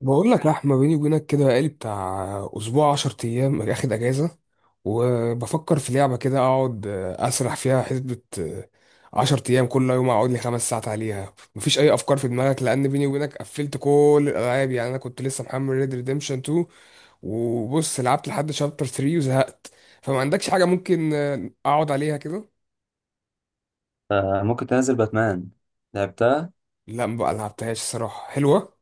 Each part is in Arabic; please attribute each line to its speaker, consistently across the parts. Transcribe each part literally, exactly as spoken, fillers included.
Speaker 1: بقول لك يا احمد، بيني وبينك كده، بقالي بتاع اسبوع عشر ايام اخد اجازه، وبفكر في لعبه كده اقعد اسرح فيها. حسبه عشرة ايام كل يوم اقعد لي خمس ساعات عليها. مفيش اي افكار في دماغك؟ لان بيني وبينك قفلت كل الالعاب. يعني انا كنت لسه محمل ريد ريديمشن تو، وبص لعبت لحد شابتر ثلاثة وزهقت. فما عندكش حاجه ممكن اقعد عليها كده؟
Speaker 2: آه، ممكن تنزل باتمان. لعبتها.
Speaker 1: لا، ما بقى لعبتهاش. الصراحه حلوه.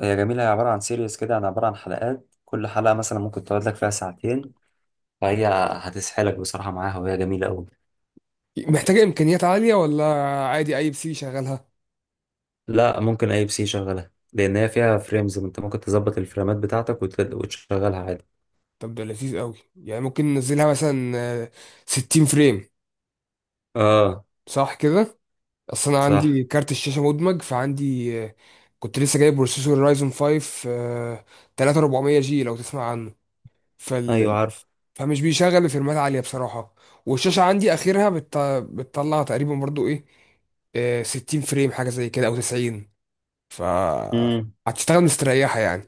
Speaker 2: هي جميلة، هي عبارة عن سيريز كده، يعني عبارة عن حلقات، كل حلقة مثلا ممكن تقعد لك فيها ساعتين، فهي هتسحلك بصراحة معاها، وهي جميلة أوي.
Speaker 1: محتاجه امكانيات عاليه ولا عادي اي بي سي شغالها؟
Speaker 2: لا، ممكن أي بي سي شغلها، لأن هي فيها فريمز، أنت ممكن تظبط الفريمات بتاعتك وت- وتشغلها عادي.
Speaker 1: طب ده لذيذ قوي يعني. ممكن ننزلها مثلا آه، ستين فريم؟
Speaker 2: اه.
Speaker 1: صح كده؟ اصل انا
Speaker 2: صح.
Speaker 1: عندي كارت الشاشه مدمج، فعندي آه، كنت لسه جايب بروسيسور رايزون فايف آه، تلاتة وأربعمية جي، لو تسمع عنه.
Speaker 2: أيوه
Speaker 1: فال...
Speaker 2: عارف.
Speaker 1: فمش بيشغل فريمات عاليه بصراحه. والشاشه عندي اخرها بت... بتطلع تقريبا برضو ايه آه، ستين فريم حاجه زي كده او تسعين. ف
Speaker 2: امم.
Speaker 1: هتشتغل مستريحه يعني.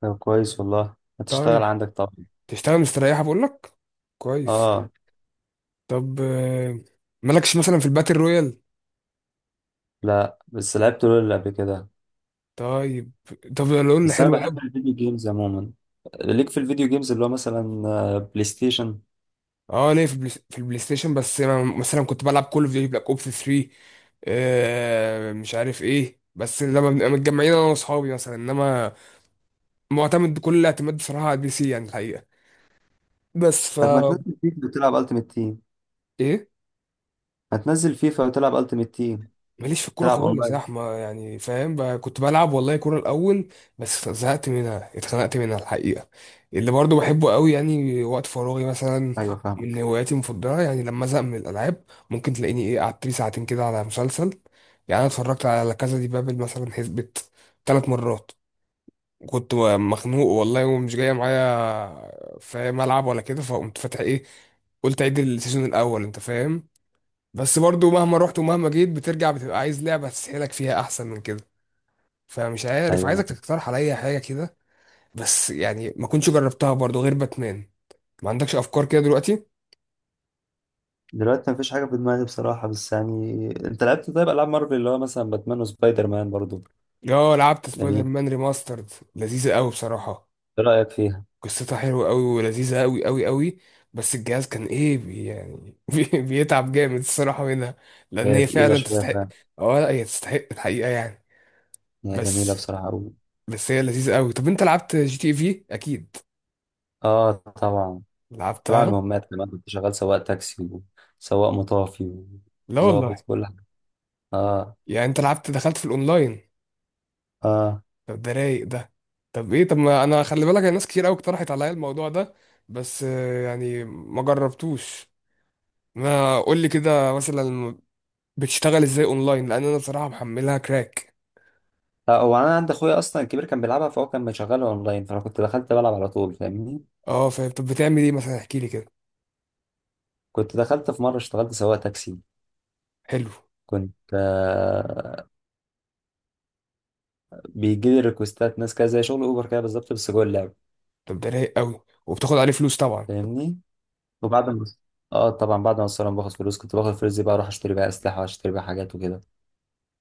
Speaker 2: طب كويس والله، هتشتغل
Speaker 1: طيب.
Speaker 2: عندك طبعا.
Speaker 1: تشتغل مستريحه، بقول لك. كويس.
Speaker 2: اه،
Speaker 1: طب آه، مالكش مثلا في الباتل رويال؟
Speaker 2: لا، بس لعبت لول قبل كده.
Speaker 1: طيب. طب لول
Speaker 2: بس أنا
Speaker 1: حلو قوي.
Speaker 2: بحب الفيديو جيمز عموما، ليك في الفيديو جيمز اللي هو مثلا آه، بلاي ستيشن.
Speaker 1: اه ليه، في البلاي في البلاي ستيشن، بس أنا مثلا كنت بلعب كول اوف ديوتي بلاك اوبس ثري آه مش عارف ايه. بس لما بنبقى متجمعين انا واصحابي مثلا، انما معتمد كل الاعتماد بصراحه على البي سي يعني الحقيقه. بس ف
Speaker 2: طب ما تنزل فيفا وتلعب التيمت تيم؟
Speaker 1: ايه.
Speaker 2: ما تنزل فيفا وتلعب التيمت تيم.
Speaker 1: ماليش في الكورة
Speaker 2: تلعب
Speaker 1: خالص يا
Speaker 2: اونلاين؟
Speaker 1: احمد، يعني فاهم بقى. كنت بلعب والله كورة الأول بس زهقت منها، اتخنقت منها الحقيقة. اللي برضو بحبه قوي يعني وقت فراغي مثلا،
Speaker 2: ايوه
Speaker 1: من
Speaker 2: فاهمك.
Speaker 1: هواياتي المفضلة، يعني لما أزهق من الألعاب ممكن تلاقيني إيه قعدت لي ساعتين كده على مسلسل. يعني أنا اتفرجت على كذا. دي بابل مثلا حسبت ثلاث مرات. كنت مخنوق والله ومش جاية معايا فاهم ألعب ولا كده، فقمت فاتح إيه، قلت عيد السيزون الأول أنت فاهم. بس برضو مهما رحت ومهما جيت بترجع بتبقى عايز لعبة تسحلك فيها أحسن من كده. فمش عارف،
Speaker 2: ايوه انا
Speaker 1: عايزك
Speaker 2: فاهم.
Speaker 1: تقترح عليا حاجة كده. بس يعني ما كنتش جربتها برضو غير باتمان. ما عندكش أفكار كده دلوقتي؟
Speaker 2: دلوقتي مفيش حاجه في دماغي بصراحه، بس يعني انت لعبت طيب العاب مارفل اللي هو مثلا باتمان وسبايدر مان برضو؟
Speaker 1: اه لعبت سبايدر
Speaker 2: جميل.
Speaker 1: مان ريماسترد. لذيذة قوي بصراحة.
Speaker 2: ايه رايك فيها؟
Speaker 1: قصتها حلوة قوي ولذيذة قوي قوي قوي. بس الجهاز كان ايه بي يعني بي بيتعب جامد الصراحة منها، لأن
Speaker 2: هي
Speaker 1: هي
Speaker 2: تقيله
Speaker 1: فعلا
Speaker 2: شويه
Speaker 1: تستحق.
Speaker 2: فعلا.
Speaker 1: اه لا هي تستحق الحقيقة يعني.
Speaker 2: هي جميله
Speaker 1: بس.
Speaker 2: بصراحه قوي.
Speaker 1: بس هي لذيذة قوي. طب انت لعبت جي تي في أكيد؟
Speaker 2: اه طبعا. كنت بعمل
Speaker 1: لعبتها.
Speaker 2: مهمات كمان، كنت شغال سواق تاكسي وسواق مطافي
Speaker 1: لا
Speaker 2: وظابط
Speaker 1: والله.
Speaker 2: كل حاجه. اه.
Speaker 1: يعني انت لعبت دخلت في الاونلاين؟
Speaker 2: اه.
Speaker 1: طب ده رايق ده. طب ايه، طب ما انا خلي بالك، أنا ناس كتير قوي اقترحت عليا الموضوع ده بس آه، يعني ما جربتوش. ما قول لي كده مثلا، بتشتغل ازاي اونلاين؟ لان انا بصراحه محملها كراك.
Speaker 2: لا، هو انا عند اخويا اصلا الكبير كان بيلعبها، فهو كان مشغلها اونلاين، فانا كنت دخلت بلعب على طول فاهمني.
Speaker 1: اه فاهم. طب بتعمل ايه مثلا؟ احكي لي كده.
Speaker 2: كنت دخلت في مرة اشتغلت سواق تاكسي.
Speaker 1: حلو.
Speaker 2: كنت آه بيجي لي ريكوستات ناس كده زي شغل اوبر كده بالظبط، بس جوه اللعبة.
Speaker 1: طب ده رايق قوي. وبتاخد عليه فلوس طبعا.
Speaker 2: فاهمني. وبعد ما اه طبعا، بعد ما الصراحة باخد فلوس كنت باخد الفلوس دي بقى اروح اشتري بقى اسلحة واشتري بقى حاجات وكده،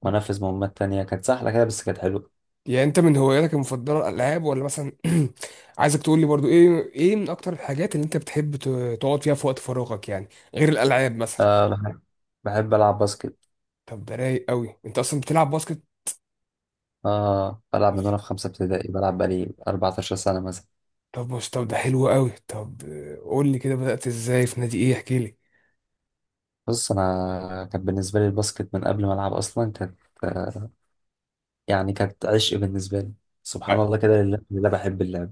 Speaker 2: وانفذ مهمات تانية كانت سهلة كده بس كانت حلوة.
Speaker 1: يعني انت من هواياتك المفضله الالعاب، ولا مثلا عايزك تقول لي برضو ايه ايه من اكتر الحاجات اللي انت بتحب ت- تقعد فيها في وقت فراغك يعني، غير الالعاب مثلا؟
Speaker 2: آه بحب, بحب العب باسكت.
Speaker 1: طب ده رايق قوي. انت اصلا بتلعب باسكت؟
Speaker 2: اه، بلعب من وانا في خمسة ابتدائي، بلعب بقالي 14 سنة مثلا.
Speaker 1: طب بص، طب ده حلو قوي. طب آه، قول لي كده بدأت ازاي في نادي ايه احكي لي.
Speaker 2: بص، انا كان بالنسبة لي الباسكت من قبل ما العب اصلا كانت آه يعني كانت عشق بالنسبة لي. سبحان
Speaker 1: أه.
Speaker 2: الله كده، لله لله بحب اللعب.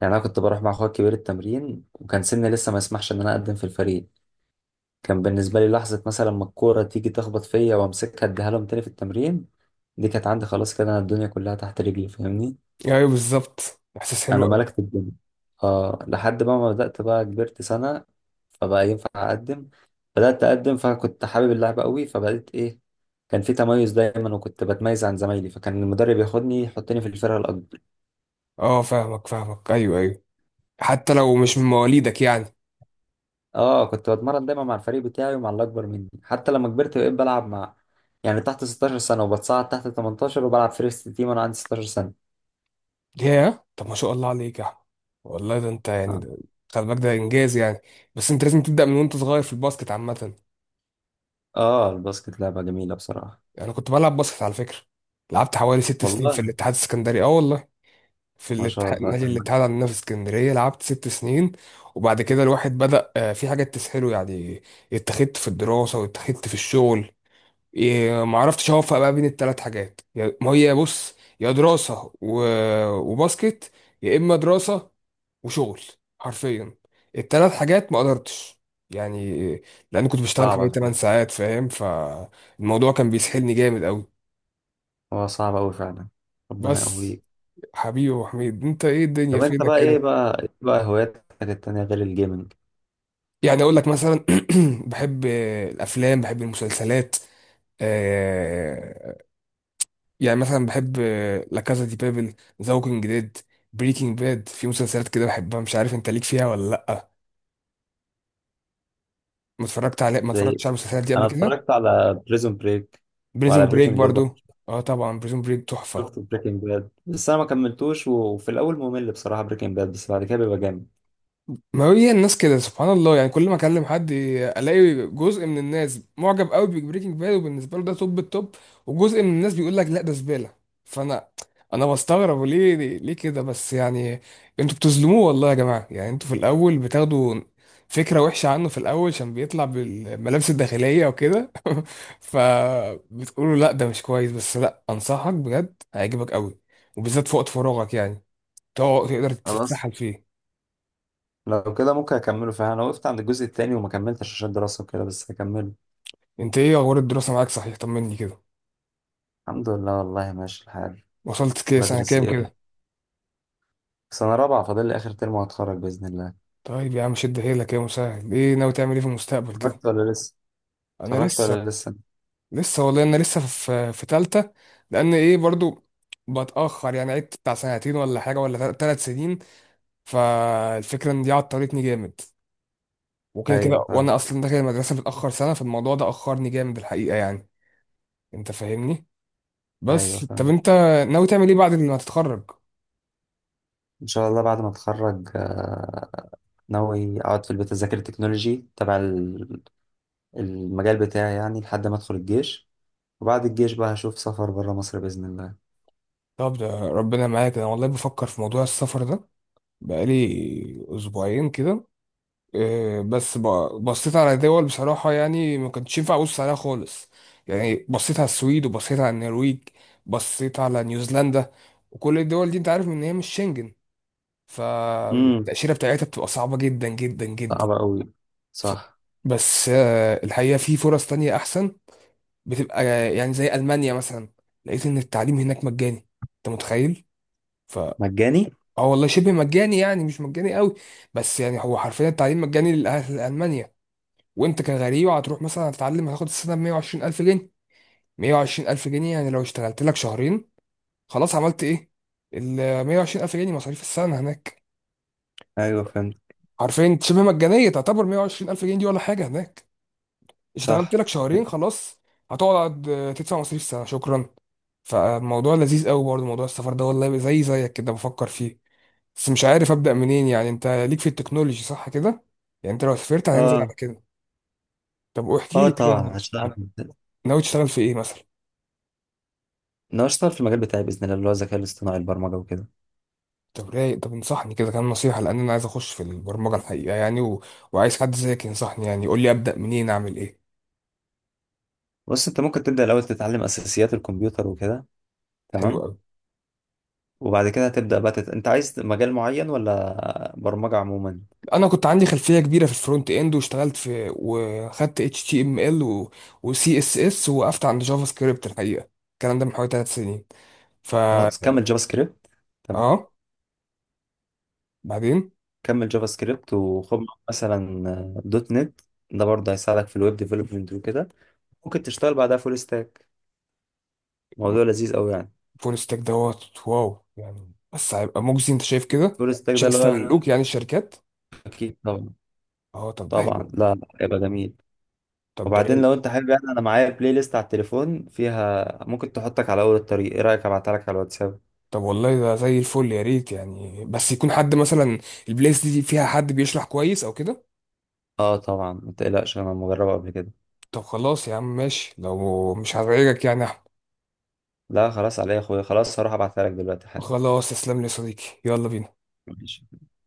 Speaker 2: يعني انا كنت بروح مع اخويا الكبير التمرين، وكان سني لسه ما يسمحش ان انا اقدم في الفريق. كان بالنسبه لي لحظه مثلا ما الكوره تيجي تخبط فيا وامسكها اديها لهم تاني في التمرين، دي كانت عندي خلاص كده، انا الدنيا كلها تحت رجلي فاهمني.
Speaker 1: ايوه بالظبط، احساس حلو
Speaker 2: انا
Speaker 1: قوي.
Speaker 2: ملكت الدنيا. اه، لحد بقى ما بدات بقى كبرت سنه، فبقى ينفع اقدم. بدات اقدم فكنت حابب اللعبه قوي فبقيت ايه، كان في تميز دايما وكنت بتميز عن زمايلي، فكان المدرب ياخدني يحطني في الفرقه الاكبر.
Speaker 1: اه فاهمك فاهمك، ايوه ايوه. حتى لو مش من مواليدك يعني.
Speaker 2: اه، كنت بتمرن دايما مع الفريق بتاعي ومع اللي اكبر مني، حتى لما كبرت بقيت بلعب مع يعني تحت 16 سنة، وبتصعد تحت تمنتاشر وبلعب فيرست تيم وانا عندي 16 سنة.
Speaker 1: ياه، طب ما شاء الله عليك يا احمد. والله ده انت يعني،
Speaker 2: اه.
Speaker 1: ده خلي بالك، ده انجاز يعني. بس انت لازم تبدأ من وانت صغير في الباسكت عامة.
Speaker 2: آه، الباسكت لعبة جميلة بصراحة.
Speaker 1: يعني انا كنت بلعب باسكت على فكرة. لعبت حوالي ست سنين في
Speaker 2: والله.
Speaker 1: الاتحاد السكندري، اه والله. في
Speaker 2: ما شاء
Speaker 1: الاتحاد،
Speaker 2: الله
Speaker 1: نادي
Speaker 2: كمان.
Speaker 1: الاتحاد عندنا في اسكندرية، لعبت ست سنين. وبعد كده الواحد بدأ آه، في حاجات تسهله يعني، اتخذت في الدراسة واتخذت في الشغل. إيه، ما عرفتش اوفق بقى بين الثلاث حاجات، يا- ما هي بص، يا دراسة و- وباسكت، يا اما دراسة وشغل، حرفيا الثلاث حاجات ما قدرتش يعني. لان كنت بشتغل
Speaker 2: صعبة
Speaker 1: حوالي ثماني
Speaker 2: فعلا.
Speaker 1: ساعات فاهم، فالموضوع كان بيسحلني جامد قوي.
Speaker 2: هو صعب أوي فعلا. ربنا
Speaker 1: بس.
Speaker 2: يقويك.
Speaker 1: حبيبي يا أبو حميد، انت ايه، الدنيا
Speaker 2: طب انت
Speaker 1: فينك
Speaker 2: بقى، ايه
Speaker 1: كده؟
Speaker 2: بقى ايه بقى هواياتك التانية غير الجيمنج؟
Speaker 1: يعني اقول لك مثلا بحب الافلام بحب المسلسلات آه، يعني مثلا بحب لا كازا دي بابل، ذا ووكينج ديد، بريكنج باد. في مسلسلات كده بحبها، مش عارف انت ليك فيها ولا لا. ما اتفرجت على ما
Speaker 2: زي
Speaker 1: اتفرجتش على المسلسلات دي قبل
Speaker 2: انا
Speaker 1: كده.
Speaker 2: اتفرجت على بريزون بريك،
Speaker 1: بريزون
Speaker 2: وعلى
Speaker 1: طبعا بريك
Speaker 2: بريكنج باد.
Speaker 1: برضو. اه طبعا بريزون بريك تحفة.
Speaker 2: شفت بريكنج باد، بس انا ما كملتوش، وفي الاول ممل بصراحة بريكنج باد، بس بعد كده بيبقى جامد.
Speaker 1: ما هي الناس كده سبحان الله، يعني كل ما اكلم حد الاقي جزء من الناس معجب قوي ببريكنج باد وبالنسبه له ده توب التوب، وجزء من الناس بيقول لك لا ده زباله. فانا انا بستغرب، ليه ليه كده بس يعني. انتوا بتظلموه والله يا جماعه. يعني انتوا في الاول بتاخدوا فكره وحشه عنه في الاول، عشان بيطلع بالملابس الداخليه وكده فبتقولوا لا ده مش كويس. بس لا، انصحك بجد هيعجبك قوي، وبالذات في وقت فراغك يعني، تقعد- تقدر
Speaker 2: خلاص.
Speaker 1: تتسحل فيه.
Speaker 2: لو كده ممكن اكمله فعلا، انا وقفت عند الجزء التاني وما كملتش عشان دراسة وكده، بس هكمله.
Speaker 1: انت ايه اخبار الدراسه معاك صحيح، طمني كده.
Speaker 2: الحمد لله والله ماشي الحال.
Speaker 1: وصلت كده سنه
Speaker 2: بدرس
Speaker 1: كام
Speaker 2: ايه؟
Speaker 1: كده؟
Speaker 2: سنة رابعة فاضل لي اخر ترم وهتخرج بإذن الله.
Speaker 1: طيب يا عم شد حيلك يا مسهل. ايه ناوي تعمل ايه في المستقبل كده؟
Speaker 2: اتخرجت ولا لسه؟
Speaker 1: انا
Speaker 2: اتخرجت
Speaker 1: لسه.
Speaker 2: ولا لسه؟
Speaker 1: لسه والله انا لسه في في تالته. لان ايه برضو بتاخر يعني، عدت بتاع سنتين ولا حاجه ولا ثلاث سنين. فالفكره ان دي عطلتني جامد، وكده
Speaker 2: ايوه
Speaker 1: كده
Speaker 2: فاهم.
Speaker 1: وانا اصلا داخل المدرسه متاخر سنه، فالموضوع ده اخرني جامد الحقيقه يعني. انت فاهمني.
Speaker 2: ايوه
Speaker 1: بس طب
Speaker 2: فاهم.
Speaker 1: انت ناوي تعمل ايه بعد ما تتخرج؟
Speaker 2: ان شاء الله بعد ما اتخرج آه، ناوي اقعد في البيت اذاكر التكنولوجي تبع ال- المجال بتاعي يعني لحد ما ادخل الجيش، وبعد الجيش بقى هشوف سفر بره مصر بإذن الله.
Speaker 1: طب ده ربنا معاك. انا والله بفكر في موضوع السفر ده بقالي اسبوعين كده آه، بس ب- بصيت على دول بصراحة، يعني ما كنتش ينفع ابص عليها خالص. يعني بصيت على السويد وبصيت على النرويج، بصيت على نيوزيلندا، وكل الدول دي انت عارف ان هي مش شنجن.
Speaker 2: امم.
Speaker 1: فالتأشيرة بتاعتها بتبقى صعبة جدا جدا جدا.
Speaker 2: صعبة قوي.
Speaker 1: ف...
Speaker 2: صح.
Speaker 1: بس آه، الحقيقة في فرص تانية احسن. بتبقى آه، يعني زي ألمانيا مثلا. لقيت ان التعليم هناك مجاني، انت متخيل؟
Speaker 2: مجاني؟
Speaker 1: اه والله شبه مجاني يعني مش مجاني قوي. بس يعني هو حرفيا التعليم مجاني للأهل لألمانيا. وانت كغريب هتروح مثلا هتتعلم هتاخد السنة ب مية وعشرين الف جنيه. مائة وعشرين ألف جنيه يعني لو اشتغلت لك شهرين خلاص عملت ايه. ال مائة وعشرين ألف جنيه مصاريف السنة هناك،
Speaker 2: ايوه فهمت.
Speaker 1: حرفيا شبه مجانية تعتبر مائة وعشرين ألف جنيه دي ولا حاجة هناك. اشتغلت
Speaker 2: صح.
Speaker 1: لك شهرين خلاص. هتقعد اه، تدفع مصاريف السنة شكرا. فالموضوع لذيذ قوي برضه، موضوع السفر ده والله زي زيك كده بفكر فيه. بس مش عارف ابدا منين. يعني انت ليك في التكنولوجي صح كده؟ يعني انت لو سافرت هتنزل على
Speaker 2: اه.
Speaker 1: كده؟ طب واحكي
Speaker 2: اه
Speaker 1: لي
Speaker 2: طبعا
Speaker 1: كده
Speaker 2: هشتغل.
Speaker 1: عن، ناوي تشتغل في ايه مثلا؟
Speaker 2: انا هشتغل في المجال بتاعي باذن الله، اللي هو الذكاء الاصطناعي، البرمجه وكده.
Speaker 1: طب رايق. طب انصحني كده كام نصيحه، لان انا عايز اخش في البرمجه الحقيقه يعني و... وعايز حد زيك ينصحني، يعني يقول لي ابدا منين اعمل ايه.
Speaker 2: بص، انت ممكن تبدا الاول تتعلم اساسيات الكمبيوتر وكده.
Speaker 1: حلو
Speaker 2: تمام.
Speaker 1: قوي.
Speaker 2: وبعد كده هتبدا بقى تت... انت عايز مجال معين ولا برمجه عموما؟
Speaker 1: انا كنت عندي خلفيه كبيره في الفرونت اند واشتغلت في وخدت اتش تي ام ال و... وسي اس اس، وقفت عند جافا سكريبت الحقيقه، الكلام ده من حوالي ثلاث سنين. ف
Speaker 2: خلاص كمل جافا سكريبت. تمام.
Speaker 1: اه. بعدين.
Speaker 2: كمل جافا سكريبت وخد معاك مثلا دوت نت، ده برضه هيساعدك في الويب ديفلوبمنت وكده، ممكن تشتغل بعدها فول ستاك، موضوع لذيذ قوي يعني.
Speaker 1: فول ستاك دوت واو يعني. بس هيبقى مجزي انت شايف كده؟
Speaker 2: فول ستاك
Speaker 1: مش
Speaker 2: ده اللي هو ال-
Speaker 1: هيستغلوك يعني الشركات؟
Speaker 2: اكيد طبعا.
Speaker 1: اه طب ده
Speaker 2: طبعا،
Speaker 1: حلو.
Speaker 2: لا لا يبقى جميل.
Speaker 1: طب ده
Speaker 2: وبعدين
Speaker 1: رايق.
Speaker 2: لو انت حابب يعني انا معايا بلاي ليست على التليفون فيها ممكن تحطك على اول الطريق، ايه رايك ابعتها لك على الواتساب؟
Speaker 1: طب والله ده زي الفل يا ريت يعني. بس يكون حد مثلا، البلايس دي فيها حد بيشرح كويس او كده.
Speaker 2: اه طبعا ما تقلقش، انا مجربه قبل كده.
Speaker 1: طب خلاص يا عم ماشي لو مش هزعجك يعني يا احمد.
Speaker 2: لا خلاص، عليا يا اخويا، خلاص هروح ابعتها لك دلوقتي حالا.
Speaker 1: خلاص، تسلم لي يا صديقي، يلا بينا.
Speaker 2: ماشي.